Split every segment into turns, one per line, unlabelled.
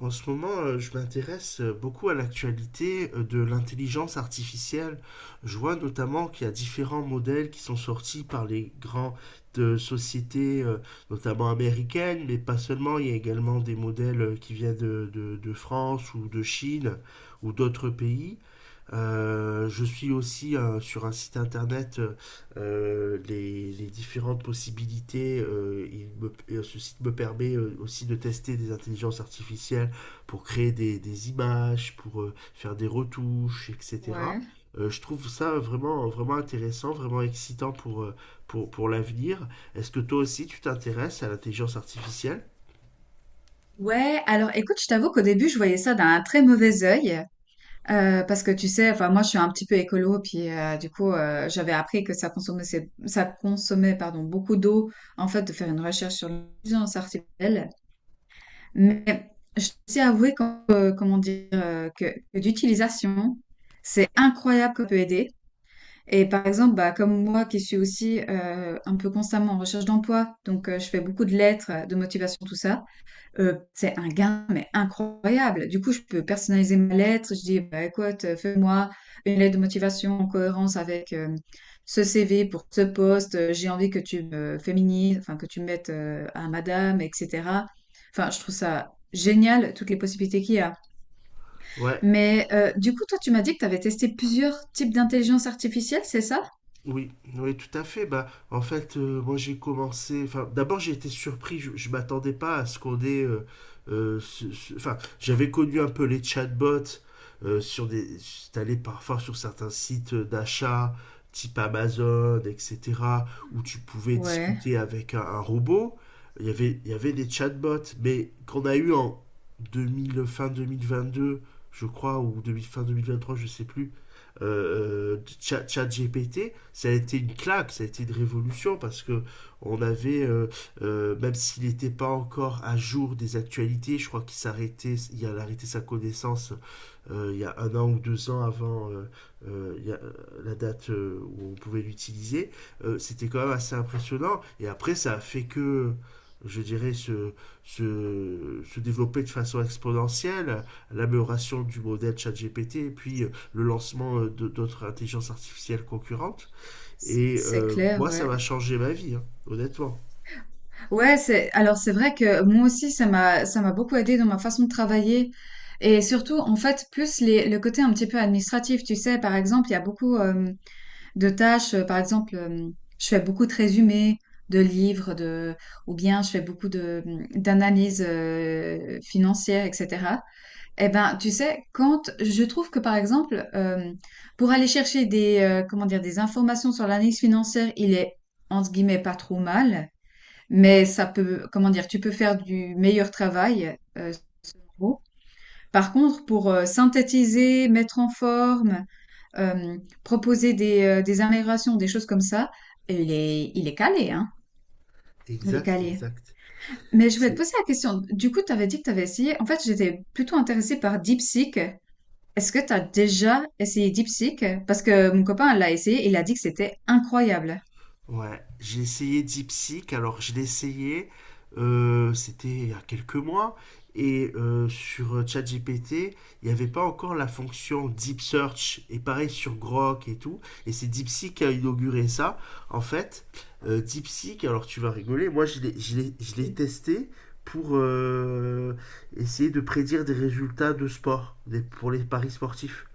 En ce moment, je m'intéresse beaucoup à l'actualité de l'intelligence artificielle. Je vois notamment qu'il y a différents modèles qui sont sortis par les grandes sociétés, notamment américaines, mais pas seulement. Il y a également des modèles qui viennent de France ou de Chine ou d'autres pays. Je suis aussi sur un site internet , les différentes possibilités. Et ce site me permet aussi de tester des intelligences artificielles pour créer des images, pour faire des retouches, etc.
Ouais.
Je trouve ça vraiment, vraiment intéressant, vraiment excitant pour l'avenir. Est-ce que toi aussi tu t'intéresses à l'intelligence artificielle?
Ouais, alors écoute, je t'avoue qu'au début, je voyais ça d'un très mauvais œil, parce que tu sais, moi, je suis un petit peu écolo, puis du coup, j'avais appris que ça consommait, ça consommait, pardon, beaucoup d'eau, en fait, de faire une recherche sur l'intelligence artificielle. Mais je dois aussi avouer comment dire, que d'utilisation, c'est incroyable qu'on peut aider. Et par exemple, bah, comme moi qui suis aussi un peu constamment en recherche d'emploi, donc je fais beaucoup de lettres, de motivation, tout ça. C'est un gain, mais incroyable. Du coup, je peux personnaliser ma lettre. Je dis: «Bah, écoute, fais-moi une lettre de motivation en cohérence avec, ce CV pour ce poste, j'ai envie que tu me féminises, enfin que tu me mettes, à madame et cetera». Enfin, je trouve ça génial, toutes les possibilités qu'il y a.
Ouais.
Mais, du coup, toi, tu m'as dit que tu avais testé plusieurs types d'intelligence artificielle, c'est ça?
Oui, oui, tout à fait. Bah, en fait, moi j'ai commencé. Enfin, d'abord j'ai été surpris. Je m'attendais pas à ce qu'on ait. Enfin, j'avais connu un peu les chatbots sur des. T'allais parfois sur certains sites d'achat type Amazon, etc., où tu pouvais
Ouais.
discuter avec un robot. Il y avait des chatbots, mais qu'on a eu en 2000, fin 2022, je crois, ou demi, fin 2023, je sais plus Chat, GPT, ça a été une claque, ça a été une révolution parce que on avait, même s'il n'était pas encore à jour des actualités, je crois qu'il s'arrêtait, il a arrêté sa connaissance il y a un an ou deux ans avant euh, il y a, euh, la date où on pouvait l'utiliser, c'était quand même assez impressionnant. Et après, ça a fait que je dirais, développer de façon exponentielle, l'amélioration du modèle ChatGPT et puis le lancement d'autres intelligences artificielles concurrentes. Et
C'est clair,
moi, ça
ouais.
m'a changé ma vie, hein, honnêtement.
Ouais, c'est alors c'est vrai que moi aussi ça m'a beaucoup aidé dans ma façon de travailler et surtout en fait plus les le côté un petit peu administratif, tu sais, par exemple, il y a beaucoup de tâches, par exemple, je fais beaucoup de résumés de livres de ou bien je fais beaucoup de d'analyses financières, etc. Eh ben, tu sais, quand je trouve que par exemple pour aller chercher des comment dire des informations sur l'analyse financière, il est entre guillemets pas trop mal. Mais ça peut, comment dire, tu peux faire du meilleur travail, sans mots. Par contre, pour, synthétiser, mettre en forme, proposer des améliorations, des choses comme ça, il est calé, hein, il est
Exact,
calé.
exact.
Mais je voulais te
C'est
poser la question, du coup, tu avais dit que tu avais essayé en fait, j'étais plutôt intéressée par DeepSeek. Est-ce que tu as déjà essayé DeepSeek? Parce que mon copain l'a essayé et il a dit que c'était incroyable.
ouais, j'ai essayé DeepSeek, alors je l'ai essayé, c'était il y a quelques mois, et sur ChatGPT, il n'y avait pas encore la fonction Deep Search, et pareil sur Grok et tout, et c'est DeepSeek qui a inauguré ça. En fait, DeepSeek, alors tu vas rigoler, moi je l'ai
Mmh.
testé pour essayer de prédire des résultats de sport, pour les paris sportifs.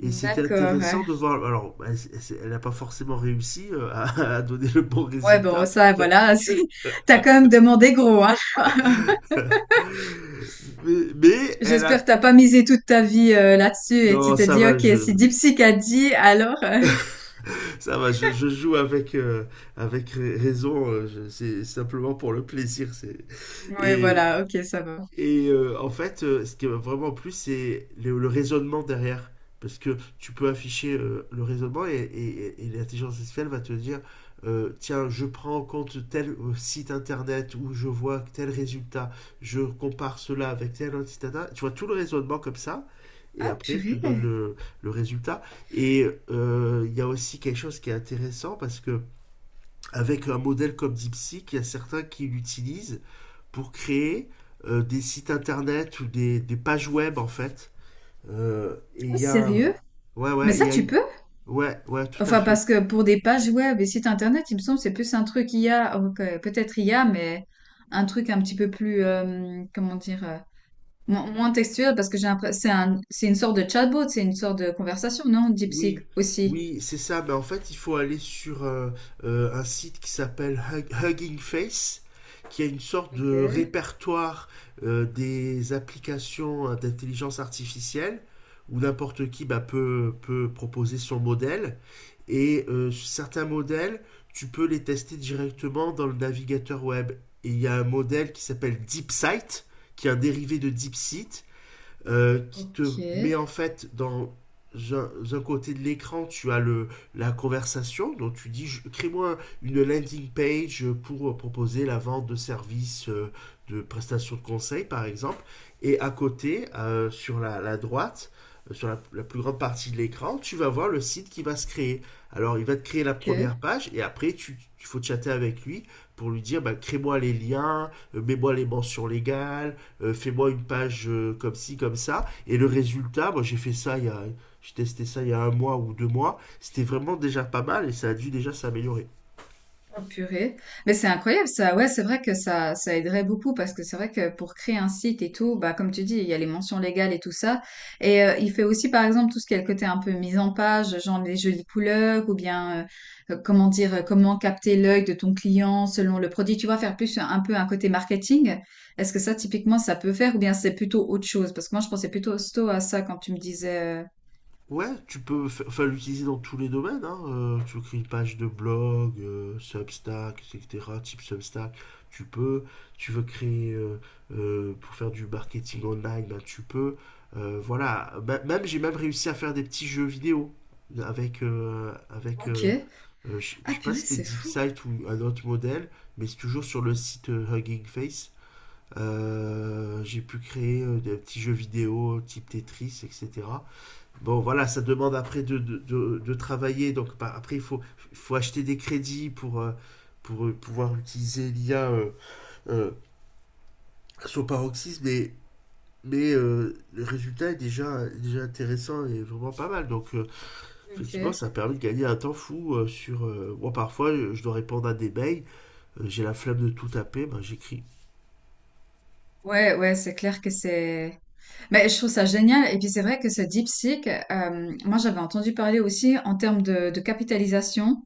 Et c'était
D'accord. Ouais.
intéressant de voir. Alors, elle n'a pas forcément réussi à, à donner le bon
Ouais, bon,
résultat,
ça, voilà, t'as quand même demandé gros, hein.
mais elle
J'espère
a.
que t'as pas misé toute ta vie là-dessus et tu
Non,
t'es dit, ok, si DeepSeek a dit, alors...
ça va, je joue avec, avec raison. C'est simplement pour le plaisir.
Oui,
Et,
voilà, ok, ça va.
Et en fait, ce qui m'a vraiment plu, c'est le raisonnement derrière. Parce que tu peux afficher le raisonnement et l'intelligence artificielle va te dire, tiens, je prends en compte tel site internet où je vois tel résultat, je compare cela avec tel autre site internet. Tu vois tout le raisonnement comme ça. Et
Ah,
après,
purée.
le résultat. Et il y a aussi quelque chose qui est intéressant parce que avec un modèle comme DeepSeek, il y a certains qui l'utilisent pour créer des sites internet ou des pages web en fait. Euh, et il
Ah,
y a,
sérieux?
ouais,
Mais
ouais, il
ça,
y a
tu
eu,
peux?
ouais, ouais, tout à
Enfin,
fait.
parce que pour des pages web et sites internet, il me semble, c'est plus un truc I a. Ok, peut-être I a, mais un truc un petit peu plus, comment dire, moins textuel parce que j'ai l'impression c'est une sorte de chatbot, c'est une sorte de conversation, non? DeepSeek
Oui,
aussi.
oui, c'est ça. Mais en fait, il faut aller sur un site qui s'appelle Hugging Face, qui a une sorte
Ok,
de répertoire des applications d'intelligence artificielle, où n'importe qui bah, peut proposer son modèle. Et certains modèles, tu peux les tester directement dans le navigateur web. Et il y a un modèle qui s'appelle DeepSight, qui est un dérivé de DeepSeek, qui te
ok,
met en fait dans un côté de l'écran, tu as la conversation, donc tu dis crée-moi une landing page pour proposer la vente de services de prestations de conseil par exemple, et à côté, sur la droite, sur la plus grande partie de l'écran, tu vas voir le site qui va se créer. Alors il va te créer la
ok.
première page et après tu, tu il faut chatter avec lui pour lui dire bah, crée-moi les liens, mets-moi les mentions légales, fais-moi une page comme ci, comme ça. Et le résultat, moi j'ai fait ça il y a, j'ai testé ça il y a un mois ou deux mois, c'était vraiment déjà pas mal et ça a dû déjà s'améliorer.
Oh purée. Mais c'est incroyable ça. Ouais, c'est vrai que ça aiderait beaucoup parce que c'est vrai que pour créer un site et tout, bah comme tu dis, il y a les mentions légales et tout ça. Et il fait aussi par exemple tout ce qui est le côté un peu mise en page, genre les jolies couleurs ou bien comment dire, comment capter l'œil de ton client selon le produit. Tu vois, faire plus un peu un côté marketing. Est-ce que ça typiquement ça peut faire ou bien c'est plutôt autre chose? Parce que moi je pensais plutôt sto à ça quand tu me disais.
Ouais, enfin, l'utiliser dans tous les domaines. Hein. Tu crées une page de blog, Substack, etc. Type Substack. Tu peux. Tu veux créer pour faire du marketing online, ben, tu peux. Voilà. Même j'ai même réussi à faire des petits jeux vidéo avec euh, avec. euh,
OK.
euh, je
Ah
sais pas si
purée,
c'était
c'est fou.
DeepSight ou un autre modèle, mais c'est toujours sur le site Hugging Face. J'ai pu créer des petits jeux vidéo type Tetris, etc. Bon, voilà, ça demande après de travailler. Donc, après, il faut acheter des crédits pour, pouvoir utiliser l'IA euh, à son paroxysme. Mais le résultat est déjà intéressant et vraiment pas mal. Donc, effectivement,
OK.
ça permet de gagner un temps fou sur. Moi, parfois, je dois répondre à des mails. J'ai la flemme de tout taper. Ben, j'écris
Ouais, ouais, c'est clair que c'est. Mais je trouve ça génial. Et puis c'est vrai que ce DeepSeek, moi j'avais entendu parler aussi en termes de capitalisation.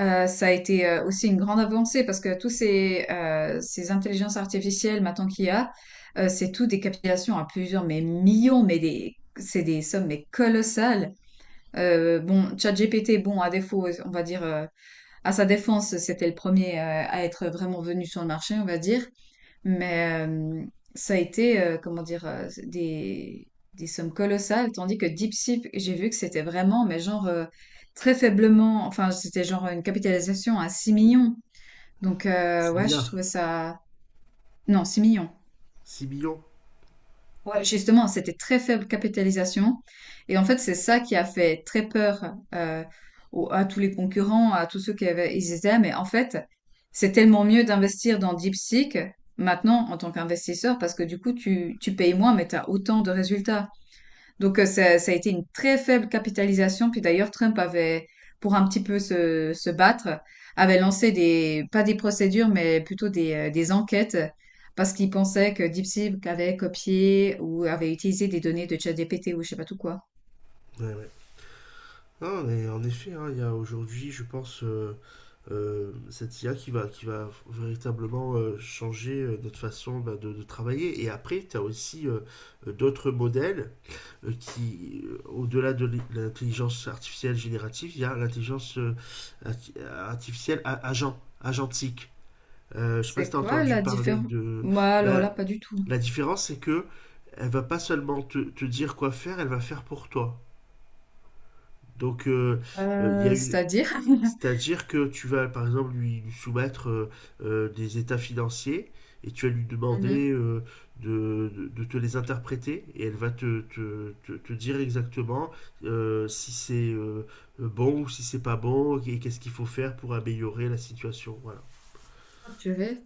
Ça a été aussi une grande avancée parce que tous ces intelligences artificielles maintenant qu'il y a, c'est tout des capitalisations à plusieurs mais millions, mais des c'est des sommes mais colossales. Bon, ChatGPT, bon, à défaut, on va dire, à sa défense, c'était le premier à être vraiment venu sur le marché, on va dire. Mais ça a été, comment dire, des sommes colossales, tandis que Deep Seek, j'ai vu que c'était vraiment, mais genre, très faiblement, enfin, c'était genre une capitalisation à 6 millions. Donc,
six
ouais, je
milliards,
trouvais ça... Non, 6 millions.
6 millions.
Ouais, justement, c'était très faible capitalisation. Et en fait, c'est ça qui a fait très peur à tous les concurrents, à tous ceux qui avaient, ils étaient. Mais en fait, c'est tellement mieux d'investir dans DeepSeek maintenant en tant qu'investisseur parce que du coup, tu payes moins, mais tu as autant de résultats. Donc, ça a été une très faible capitalisation. Puis d'ailleurs, Trump avait, pour un petit peu se battre, avait lancé des, pas des procédures, mais plutôt des enquêtes parce qu'il pensait que DeepSeek avait copié ou avait utilisé des données de ChatGPT ou je sais pas tout quoi.
Ouais, ouais. Non, mais en effet, hein, il y a aujourd'hui, je pense, cette IA qui va véritablement changer notre façon bah, de travailler. Et après, tu as aussi d'autres modèles qui, au-delà de l'intelligence artificielle générative, il y a l'intelligence artificielle agentique. Je sais pas si
C'est
tu as
quoi
entendu
la
parler
différence?
de...
Bah, alors là,
Ben,
pas du tout.
la différence, c'est que elle va pas seulement te dire quoi faire, elle va faire pour toi. Donc, il y a une,
C'est-à-dire?
c'est-à-dire que tu vas, par exemple, lui soumettre des états financiers et tu vas lui
Mmh mh.
demander de te les interpréter et elle va te dire exactement si c'est bon ou si c'est pas bon et qu'est-ce qu'il faut faire pour améliorer la situation. Voilà.
Oh purée.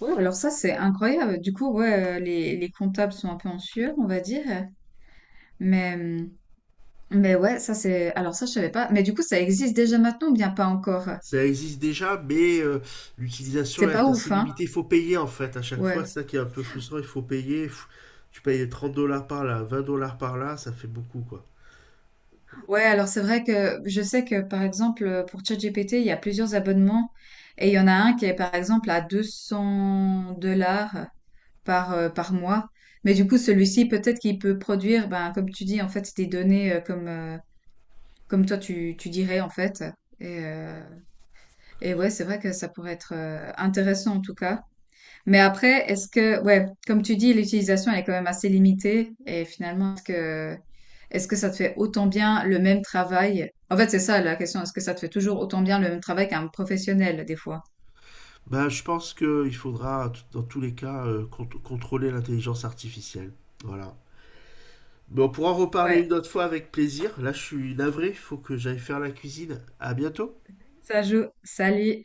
Ouais, alors ça, c'est incroyable. Du coup, ouais, les comptables sont un peu en sueur, on va dire, mais mmh, mais ouais, ça c'est alors ça, je savais pas. Mais du coup, ça existe déjà maintenant ou bien pas encore?
Ça existe déjà, mais l'utilisation
C'est pas
est assez
ouf, hein?
limitée. Il faut payer en fait à chaque fois.
Ouais.
C'est ça qui est un peu frustrant. Il faut payer. Pff, tu payes 30 $ par là, 20 $ par là, ça fait beaucoup quoi.
Ouais, alors c'est vrai que je sais que, par exemple, pour ChatGPT, il y a plusieurs abonnements et il y en a un qui est, par exemple, à 200 dollars. Par, par mois. Mais du coup, celui-ci, peut-être qu'il peut produire, ben, comme tu dis, en fait, des données comme, comme toi, tu dirais, en fait. Et, euh, et ouais, c'est vrai que ça pourrait être intéressant en tout cas. Mais après, ouais, comme tu dis, l'utilisation elle est quand même assez limitée. Et finalement, est-ce que ça te fait autant bien le même travail? En fait, c'est ça la question. Est-ce que ça te fait toujours autant bien le même travail qu'un professionnel des fois?
Bah, je pense qu'il faudra, dans tous les cas, contrôler l'intelligence artificielle. Voilà. Bon, on pourra en reparler une
Ouais,
autre fois avec plaisir. Là, je suis navré, il faut que j'aille faire la cuisine. À bientôt.
ça joue. Salut.